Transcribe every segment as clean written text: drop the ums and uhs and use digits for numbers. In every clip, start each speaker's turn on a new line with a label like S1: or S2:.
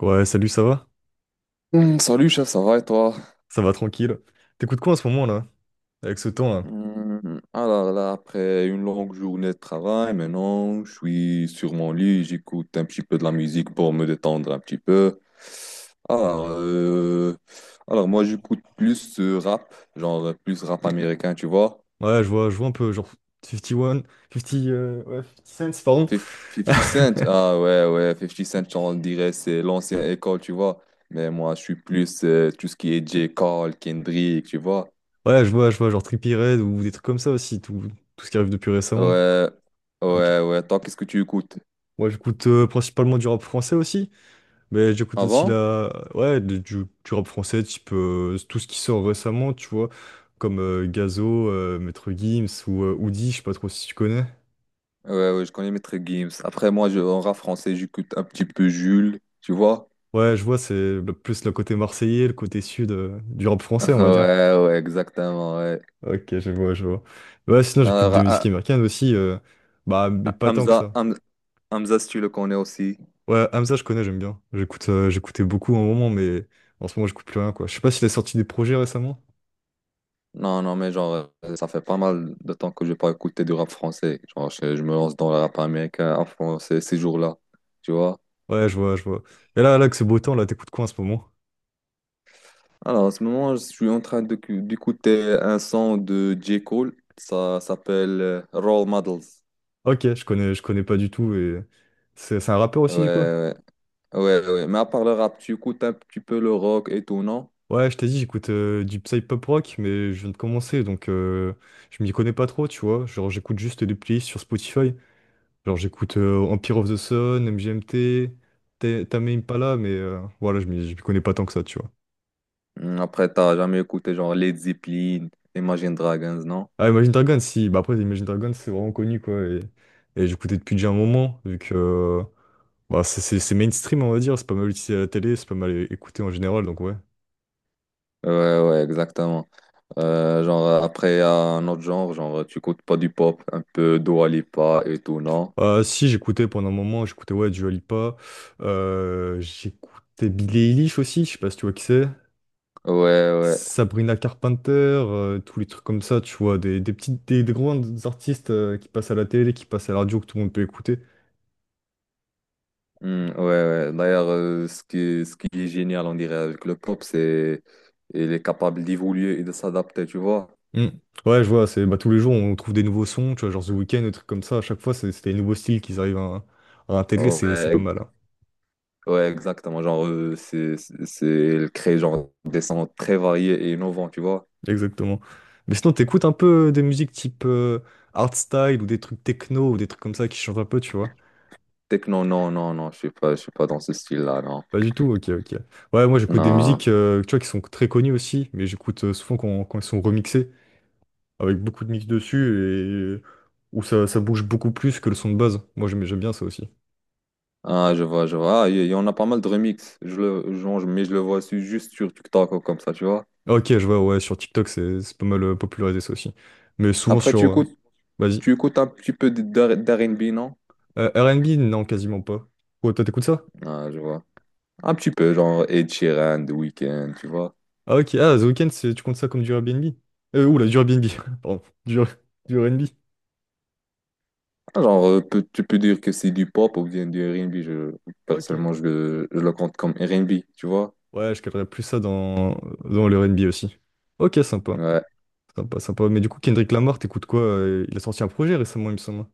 S1: Ouais, salut, ça va?
S2: Salut chef, ça va et toi?
S1: Ça va tranquille. T'écoutes quoi en ce moment là? Avec ce temps là?
S2: Alors là, après une longue journée de travail, maintenant je suis sur mon lit, j'écoute un petit peu de la musique pour me détendre un petit peu. Alors, euh, alors moi j'écoute plus rap, genre plus rap américain, tu vois.
S1: Ouais, je vois un peu genre 51, 50, ouais, 50 cents, pardon.
S2: 50 Cent, ah ouais, ouais, Fifty Cent, on dirait c'est l'ancienne école, tu vois. Mais moi je suis plus tout ce qui est J. Cole, Kendrick, tu vois.
S1: Ouais, je vois genre Trippie Redd ou des trucs comme ça aussi, tout ce qui arrive depuis récemment.
S2: Ouais,
S1: Ok.
S2: ouais, ouais, toi qu'est-ce que tu écoutes?
S1: Ouais, j'écoute principalement du rap français aussi, mais j'écoute aussi
S2: Avant?
S1: ouais, du rap français, type tout ce qui sort récemment, tu vois, comme Gazo, Maître Gims ou Oudi, je sais pas trop si tu connais.
S2: Ouais, ouais, je connais Maître Gims. Après, moi, en rap français, j'écoute un petit peu Jules, tu vois?
S1: Ouais, je vois, c'est plus le côté marseillais, le côté sud du rap français, on va dire.
S2: Ouais, ouais, exactement, ouais.
S1: Ok, je vois. Ouais, sinon j'écoute
S2: Alors,
S1: des musiques
S2: ah,
S1: américaines aussi, bah mais
S2: ah,
S1: pas tant que
S2: Hamza,
S1: ça.
S2: Ham- Hamza, si tu le connais aussi.
S1: Ouais, Hamza, je connais, j'aime bien. J'écoutais beaucoup à un moment, mais en ce moment j'écoute plus rien, quoi. Je sais pas s'il a sorti des projets récemment.
S2: Non, non, mais genre, ça fait pas mal de temps que je n'ai pas écouté du rap français. Genre, je me lance dans le rap américain en français ces jours-là, tu vois?
S1: Ouais, je vois. Et là que c'est beau temps, là, t'écoutes quoi en ce moment?
S2: Alors, en ce moment, je suis d'écouter un son de J. Cole. Ça s'appelle Role Models.
S1: Ok, je connais pas du tout et c'est un rappeur
S2: Ouais,
S1: aussi du coup?
S2: ouais. Ouais, ouais, mais à part le rap, tu écoutes un petit peu le rock et tout, non?
S1: Ouais, je t'ai dit, j'écoute du psy-pop rock, mais je viens de commencer, donc je m'y connais pas trop, tu vois. Genre, j'écoute juste des playlists sur Spotify. Genre, j'écoute Empire of the Sun, MGMT, Tame Impala, mais voilà, je m'y connais pas tant que ça, tu vois.
S2: Après, t'as jamais écouté genre Led Zeppelin, Imagine Dragons, non?
S1: Ah, Imagine Dragons, si. Bah, après, Imagine Dragons, c'est vraiment connu, quoi. Et j'écoutais depuis déjà un moment, vu que bah, c'est mainstream, on va dire. C'est pas mal utilisé à la télé, c'est pas mal écouté en général, donc ouais.
S2: Ouais, ouais, exactement. Après, il y a un autre genre, tu écoutes pas du pop, un peu Dua Lipa et tout, non?
S1: Ah, si, j'écoutais pendant un moment, j'écoutais, ouais, Dua Lipa. J'écoutais Billie Eilish aussi, je sais pas si tu vois qui c'est.
S2: Ouais, ouais.
S1: Sabrina Carpenter, tous les trucs comme ça, tu vois, des petites, des grands artistes qui passent à la télé, qui passent à la radio, que tout le monde peut écouter.
S2: Ouais, ouais. D'ailleurs, ce qui est génial, on dirait, avec le pop, c'est il est capable d'évoluer et de s'adapter, tu vois?
S1: Mm. Ouais, je vois, c'est bah, tous les jours on trouve des nouveaux sons, tu vois, genre The Weeknd, des trucs comme ça, à chaque fois c'est des nouveaux styles qu'ils arrivent à intégrer, c'est pas
S2: Ouais,
S1: mal, hein.
S2: ouais, exactement. Genre, elle crée genre des sons très variés et innovants, tu vois.
S1: Exactement. Mais sinon, t'écoutes un peu des musiques type art style ou des trucs techno ou des trucs comme ça qui changent un peu, tu vois?
S2: Techno, non, non, non, je suis pas dans ce style-là, non.
S1: Pas du tout, ok, ok. Ouais, moi j'écoute des
S2: Non.
S1: musiques, tu vois, qui sont très connues aussi, mais j'écoute souvent quand elles sont remixées. Avec beaucoup de mix dessus et où ça bouge beaucoup plus que le son de base. Moi, j'aime bien ça aussi.
S2: Ah, je vois, je vois. Ah, il y en a pas mal de remix. Je le, genre, je- mais je le vois juste sur TikTok ou comme ça, tu vois.
S1: Ah, ok, je vois, ouais, sur TikTok, c'est pas mal popularisé ça aussi. Mais souvent
S2: Après,
S1: sur.
S2: tu écoutes,
S1: Vas-y.
S2: tu écoutes un petit peu d'R&B, non?
S1: R&B, non, quasiment pas. Oh, toi, t'écoutes ça?
S2: Ah, je vois. Un petit peu, genre Ed Sheeran, The Weeknd, tu vois.
S1: Ah, ok, ah, The Weeknd, tu comptes ça comme du Airbnb? Oula, du Airbnb, pardon, du R&B.
S2: Tu peux dire que c'est du pop ou bien du R&B. Je,
S1: Ok.
S2: personnellement, je, le- je le compte comme R&B, tu vois.
S1: Ouais, je calerais plus ça dans le R&B aussi. Ok, sympa.
S2: Ouais.
S1: Sympa, sympa. Mais du coup, Kendrick Lamar, t'écoutes quoi? Il a sorti un projet récemment, il me semble.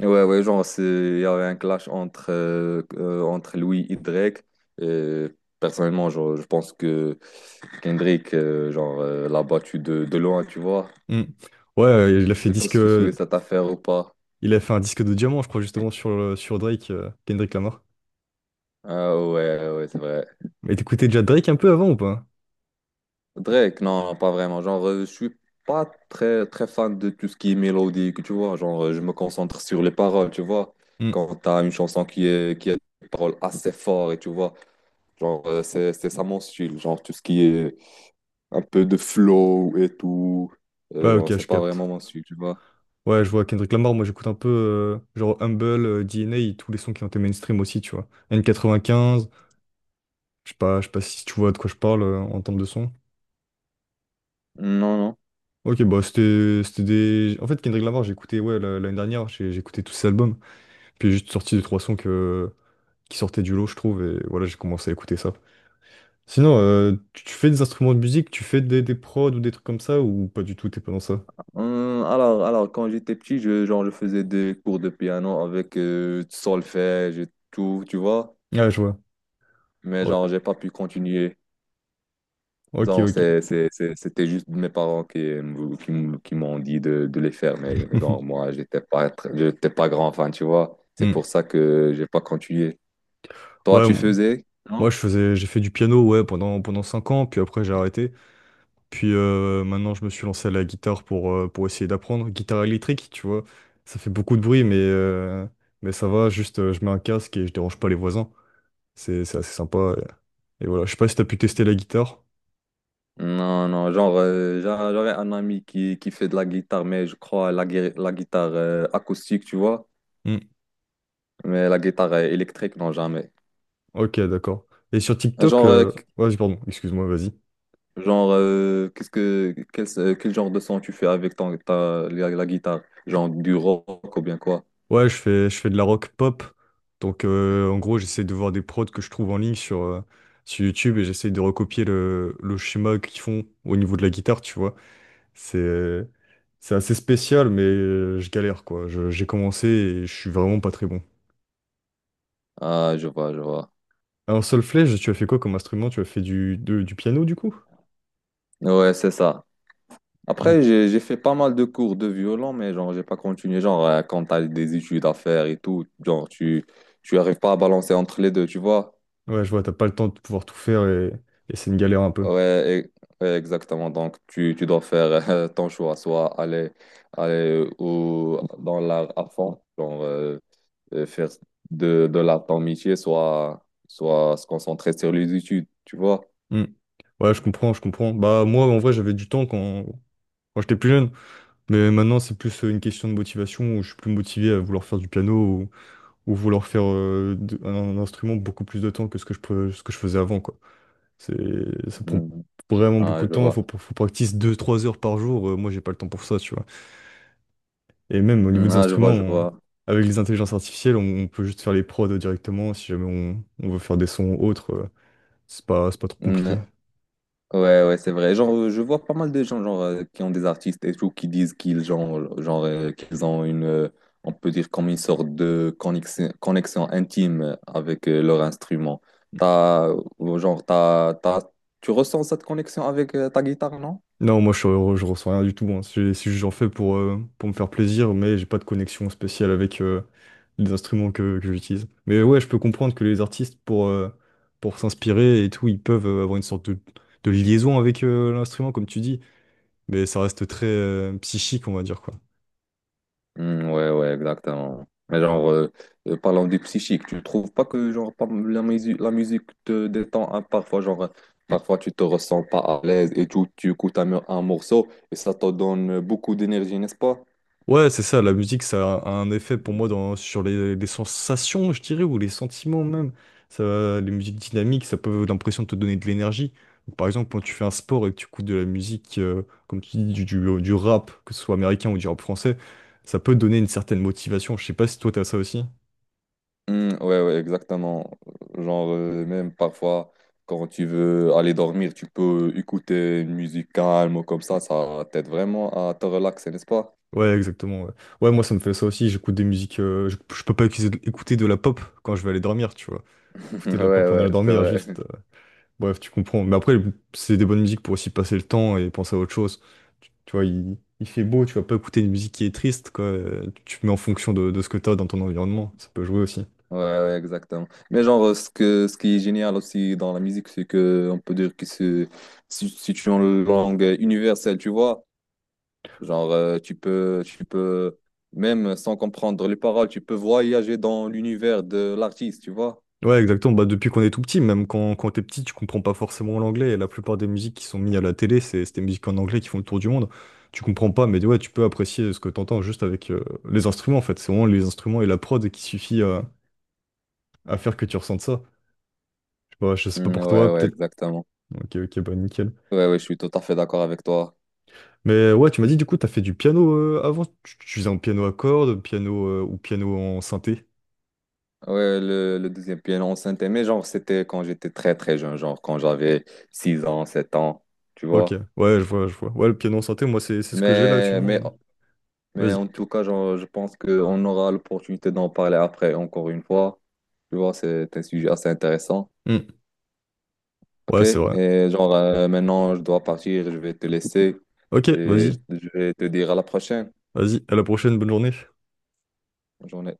S2: Ouais, ouais, il y avait un clash entre entre Louis et Drake. Et personnellement, genre, je pense que Kendrick l'a battu de loin, tu vois.
S1: Hmm. Ouais, il a
S2: Je
S1: fait
S2: sais pas
S1: disque.
S2: si tu souhaites cette affaire ou pas.
S1: Il a fait un disque de diamant, je crois, justement, sur Drake, Kendrick Lamar.
S2: Ah ouais, ouais, c'est vrai.
S1: Mais t'écoutais déjà Drake un peu avant ou pas?
S2: Drake, non, non, pas vraiment. Je suis pas très, très fan de tout ce qui est mélodique, tu vois. Je me concentre sur les paroles, tu vois.
S1: Hmm.
S2: Quand t'as une chanson qui a des paroles assez fortes, et tu vois. Genre, c'est ça mon style. Genre, tout ce qui est un peu de flow et tout.
S1: Ouais, ok,
S2: C'est
S1: je
S2: pas
S1: capte.
S2: vraiment mon style, tu vois.
S1: Ouais, je vois Kendrick Lamar, moi j'écoute un peu genre Humble, DNA, et tous les sons qui ont été mainstream aussi, tu vois. N95, je sais pas si tu vois de quoi je parle en termes de son.
S2: Non, non.
S1: Ok, bah en fait, Kendrick Lamar, j'ai écouté, ouais, l'année dernière, j'ai écouté tous ses albums. Puis j'ai juste sorti deux, trois sons qui sortaient du lot, je trouve, et voilà, j'ai commencé à écouter ça. Sinon, tu fais des instruments de musique, tu fais des prods ou des trucs comme ça, ou pas du tout, t'es pas dans ça?
S2: Alors, quand j'étais petit, je faisais des cours de piano avec du solfège et tout, tu vois.
S1: Ah, je vois.
S2: Mais
S1: Ok,
S2: genre, j'ai pas pu continuer.
S1: ok.
S2: Genre, c'est,
S1: Ok.
S2: c'est, c'est- c'était juste mes parents qui m'ont dit de les faire. Mais genre, moi, j'étais pas grand fan, tu vois. C'est
S1: Hmm.
S2: pour ça que j'ai pas continué. Toi,
S1: Ouais,
S2: tu faisais?
S1: moi j'ai fait du piano, ouais, pendant 5 ans, puis après j'ai arrêté. Puis maintenant je me suis lancé à la guitare pour essayer d'apprendre. Guitare électrique, tu vois, ça fait beaucoup de bruit, mais ça va, juste je mets un casque et je dérange pas les voisins. C'est assez sympa. Et voilà, je sais pas si t'as pu tester la guitare.
S2: Non, non, j'aurais un ami qui fait de la guitare, mais je crois la guitare acoustique, tu vois,
S1: Hmm.
S2: mais la guitare électrique, non, jamais.
S1: Ok, d'accord. Et sur TikTok,
S2: Genre, qu-
S1: ouais, pardon, excuse-moi, vas-y.
S2: genre qu'est-ce que, quel, Quel genre de son tu fais avec la guitare? Genre du rock ou bien quoi?
S1: Ouais, je fais de la rock pop. Donc, en gros, j'essaie de voir des prods que je trouve en ligne sur YouTube et j'essaie de recopier le schéma qu'ils font au niveau de la guitare, tu vois. C'est, c'est assez spécial, mais je galère, quoi. J'ai commencé et je suis vraiment pas très bon.
S2: Ah, je vois, je vois.
S1: En solfège, tu as fait quoi comme instrument? Tu as fait du piano, du coup?
S2: Ouais, c'est ça.
S1: Mm.
S2: Après, j'ai fait pas mal de cours de violon, mais genre, j'ai pas continué. Quand t'as des études à faire et tout, genre, tu arrives pas à balancer entre les deux, tu vois?
S1: Ouais, je vois, t'as pas le temps de pouvoir tout faire et c'est une galère un peu.
S2: Ouais, ouais, exactement. Donc, tu dois faire ton choix, soit aller ou dans l'art à fond, genre faire de l'art ton métier, soit se concentrer sur les études, tu vois.
S1: Mm. Ouais, je comprends, je comprends. Bah, moi, en vrai, j'avais du temps quand j'étais plus jeune. Mais maintenant, c'est plus une question de motivation où je suis plus motivé à vouloir faire du piano ou vouloir faire un instrument beaucoup plus de temps que ce que je faisais avant, quoi. Ça prend
S2: Mm.
S1: vraiment
S2: Ah,
S1: beaucoup de
S2: je
S1: temps. Faut,
S2: vois.
S1: faut practice 2-3 heures par jour. Moi, j'ai pas le temps pour ça, tu vois. Et même au niveau
S2: Mm.
S1: des
S2: Ah, je
S1: instruments,
S2: vois, je vois.
S1: avec les intelligences artificielles, on peut juste faire les prods directement si jamais on veut faire des sons autres. C'est pas trop compliqué.
S2: Mm. Ouais, ouais, c'est vrai. Je vois pas mal de gens qui ont des artistes et tout qui disent qu'ils ont une, on peut dire comme une sorte de connexion, connexion intime avec leur instrument. T'as, genre, t'as, t'as- Tu ressens cette connexion avec ta guitare, non?
S1: Non, moi je ressens rien du tout. Hein. C'est juste j'en fais pour me faire plaisir, mais j'ai pas de connexion spéciale avec les instruments que j'utilise. Mais ouais, je peux comprendre que les artistes, pour s'inspirer et tout, ils peuvent avoir une sorte de liaison avec l'instrument, comme tu dis, mais ça reste très psychique, on va dire, quoi.
S2: Ouais, ouais, exactement. Mais parlant du psychique, tu trouves pas que la musique te détend hein, parfois, parfois tu te ressens pas à l'aise et tout, tu écoutes un morceau et ça te donne beaucoup d'énergie, n'est-ce pas?
S1: Ouais, c'est ça, la musique, ça a un effet pour moi sur les sensations, je dirais, ou les sentiments même. Ça, les musiques dynamiques, ça peut avoir l'impression de te donner de l'énergie. Donc, par exemple, quand tu fais un sport et que tu écoutes de la musique, comme tu dis, du rap, que ce soit américain ou du rap français, ça peut donner une certaine motivation. Je sais pas si toi, t'as ça aussi.
S2: Ouais, ouais, exactement. Même parfois, quand tu veux aller dormir, tu peux écouter une musique calme ou comme ça t'aide vraiment à te relaxer, n'est-ce pas?
S1: Ouais, exactement. Ouais, ouais, moi, ça me fait ça aussi. J'écoute des musiques. Je peux pas écouter de la pop quand je vais aller dormir, tu vois. Écouter de la
S2: Ouais,
S1: pop en
S2: ouais,
S1: allant
S2: c'est
S1: dormir, juste.
S2: vrai.
S1: Bref, tu comprends. Mais après, c'est des bonnes musiques pour aussi passer le temps et penser à autre chose. Tu vois, il fait beau, tu vas pas écouter une musique qui est triste, quoi. Tu mets en fonction de ce que t'as dans ton environnement. Ça peut jouer aussi.
S2: Ouais, ouais, exactement. Mais ce qui est génial aussi dans la musique, c'est que on peut dire que c'est si, si tu es en langue universelle, tu vois. Genre, tu peux, même sans comprendre les paroles, tu peux voyager dans l'univers de l'artiste, tu vois.
S1: Ouais, exactement. Bah, depuis qu'on est tout petit, même quand t'es petit, tu comprends pas forcément l'anglais. Et la plupart des musiques qui sont mises à la télé, c'est des musiques en anglais qui font le tour du monde. Tu comprends pas, mais ouais, tu peux apprécier ce que t'entends juste avec les instruments, en fait. C'est vraiment les instruments et la prod qui suffit à faire que tu ressentes ça. Je sais pas pour
S2: Ouais,
S1: toi,
S2: ouais,
S1: peut-être.
S2: exactement.
S1: Ok, ok, bah nickel.
S2: Ouais, ouais, je suis tout à fait d'accord avec toi.
S1: Mais ouais, tu m'as dit du coup, t'as fait du piano avant. Tu faisais un piano à cordes, piano ou piano en synthé.
S2: Ouais, le deuxième piano enceinte, mais genre, c'était quand j'étais très, très jeune, genre quand j'avais 6 ans, 7 ans, tu
S1: Ok,
S2: vois.
S1: ouais, je vois. Ouais, le piano en synthé, moi, c'est ce que j'ai là
S2: Mais, mais
S1: actuellement.
S2: Mais
S1: Vas-y.
S2: en tout cas, genre, je pense qu'on aura l'opportunité d'en parler après, encore une fois. Tu vois, c'est un sujet assez intéressant.
S1: Hmm.
S2: OK?
S1: Ouais, c'est vrai.
S2: Et maintenant, je dois partir, je vais te laisser
S1: Ok,
S2: et
S1: vas-y,
S2: je vais te dire à la prochaine.
S1: vas-y. À la prochaine, bonne journée.
S2: Bonne journée.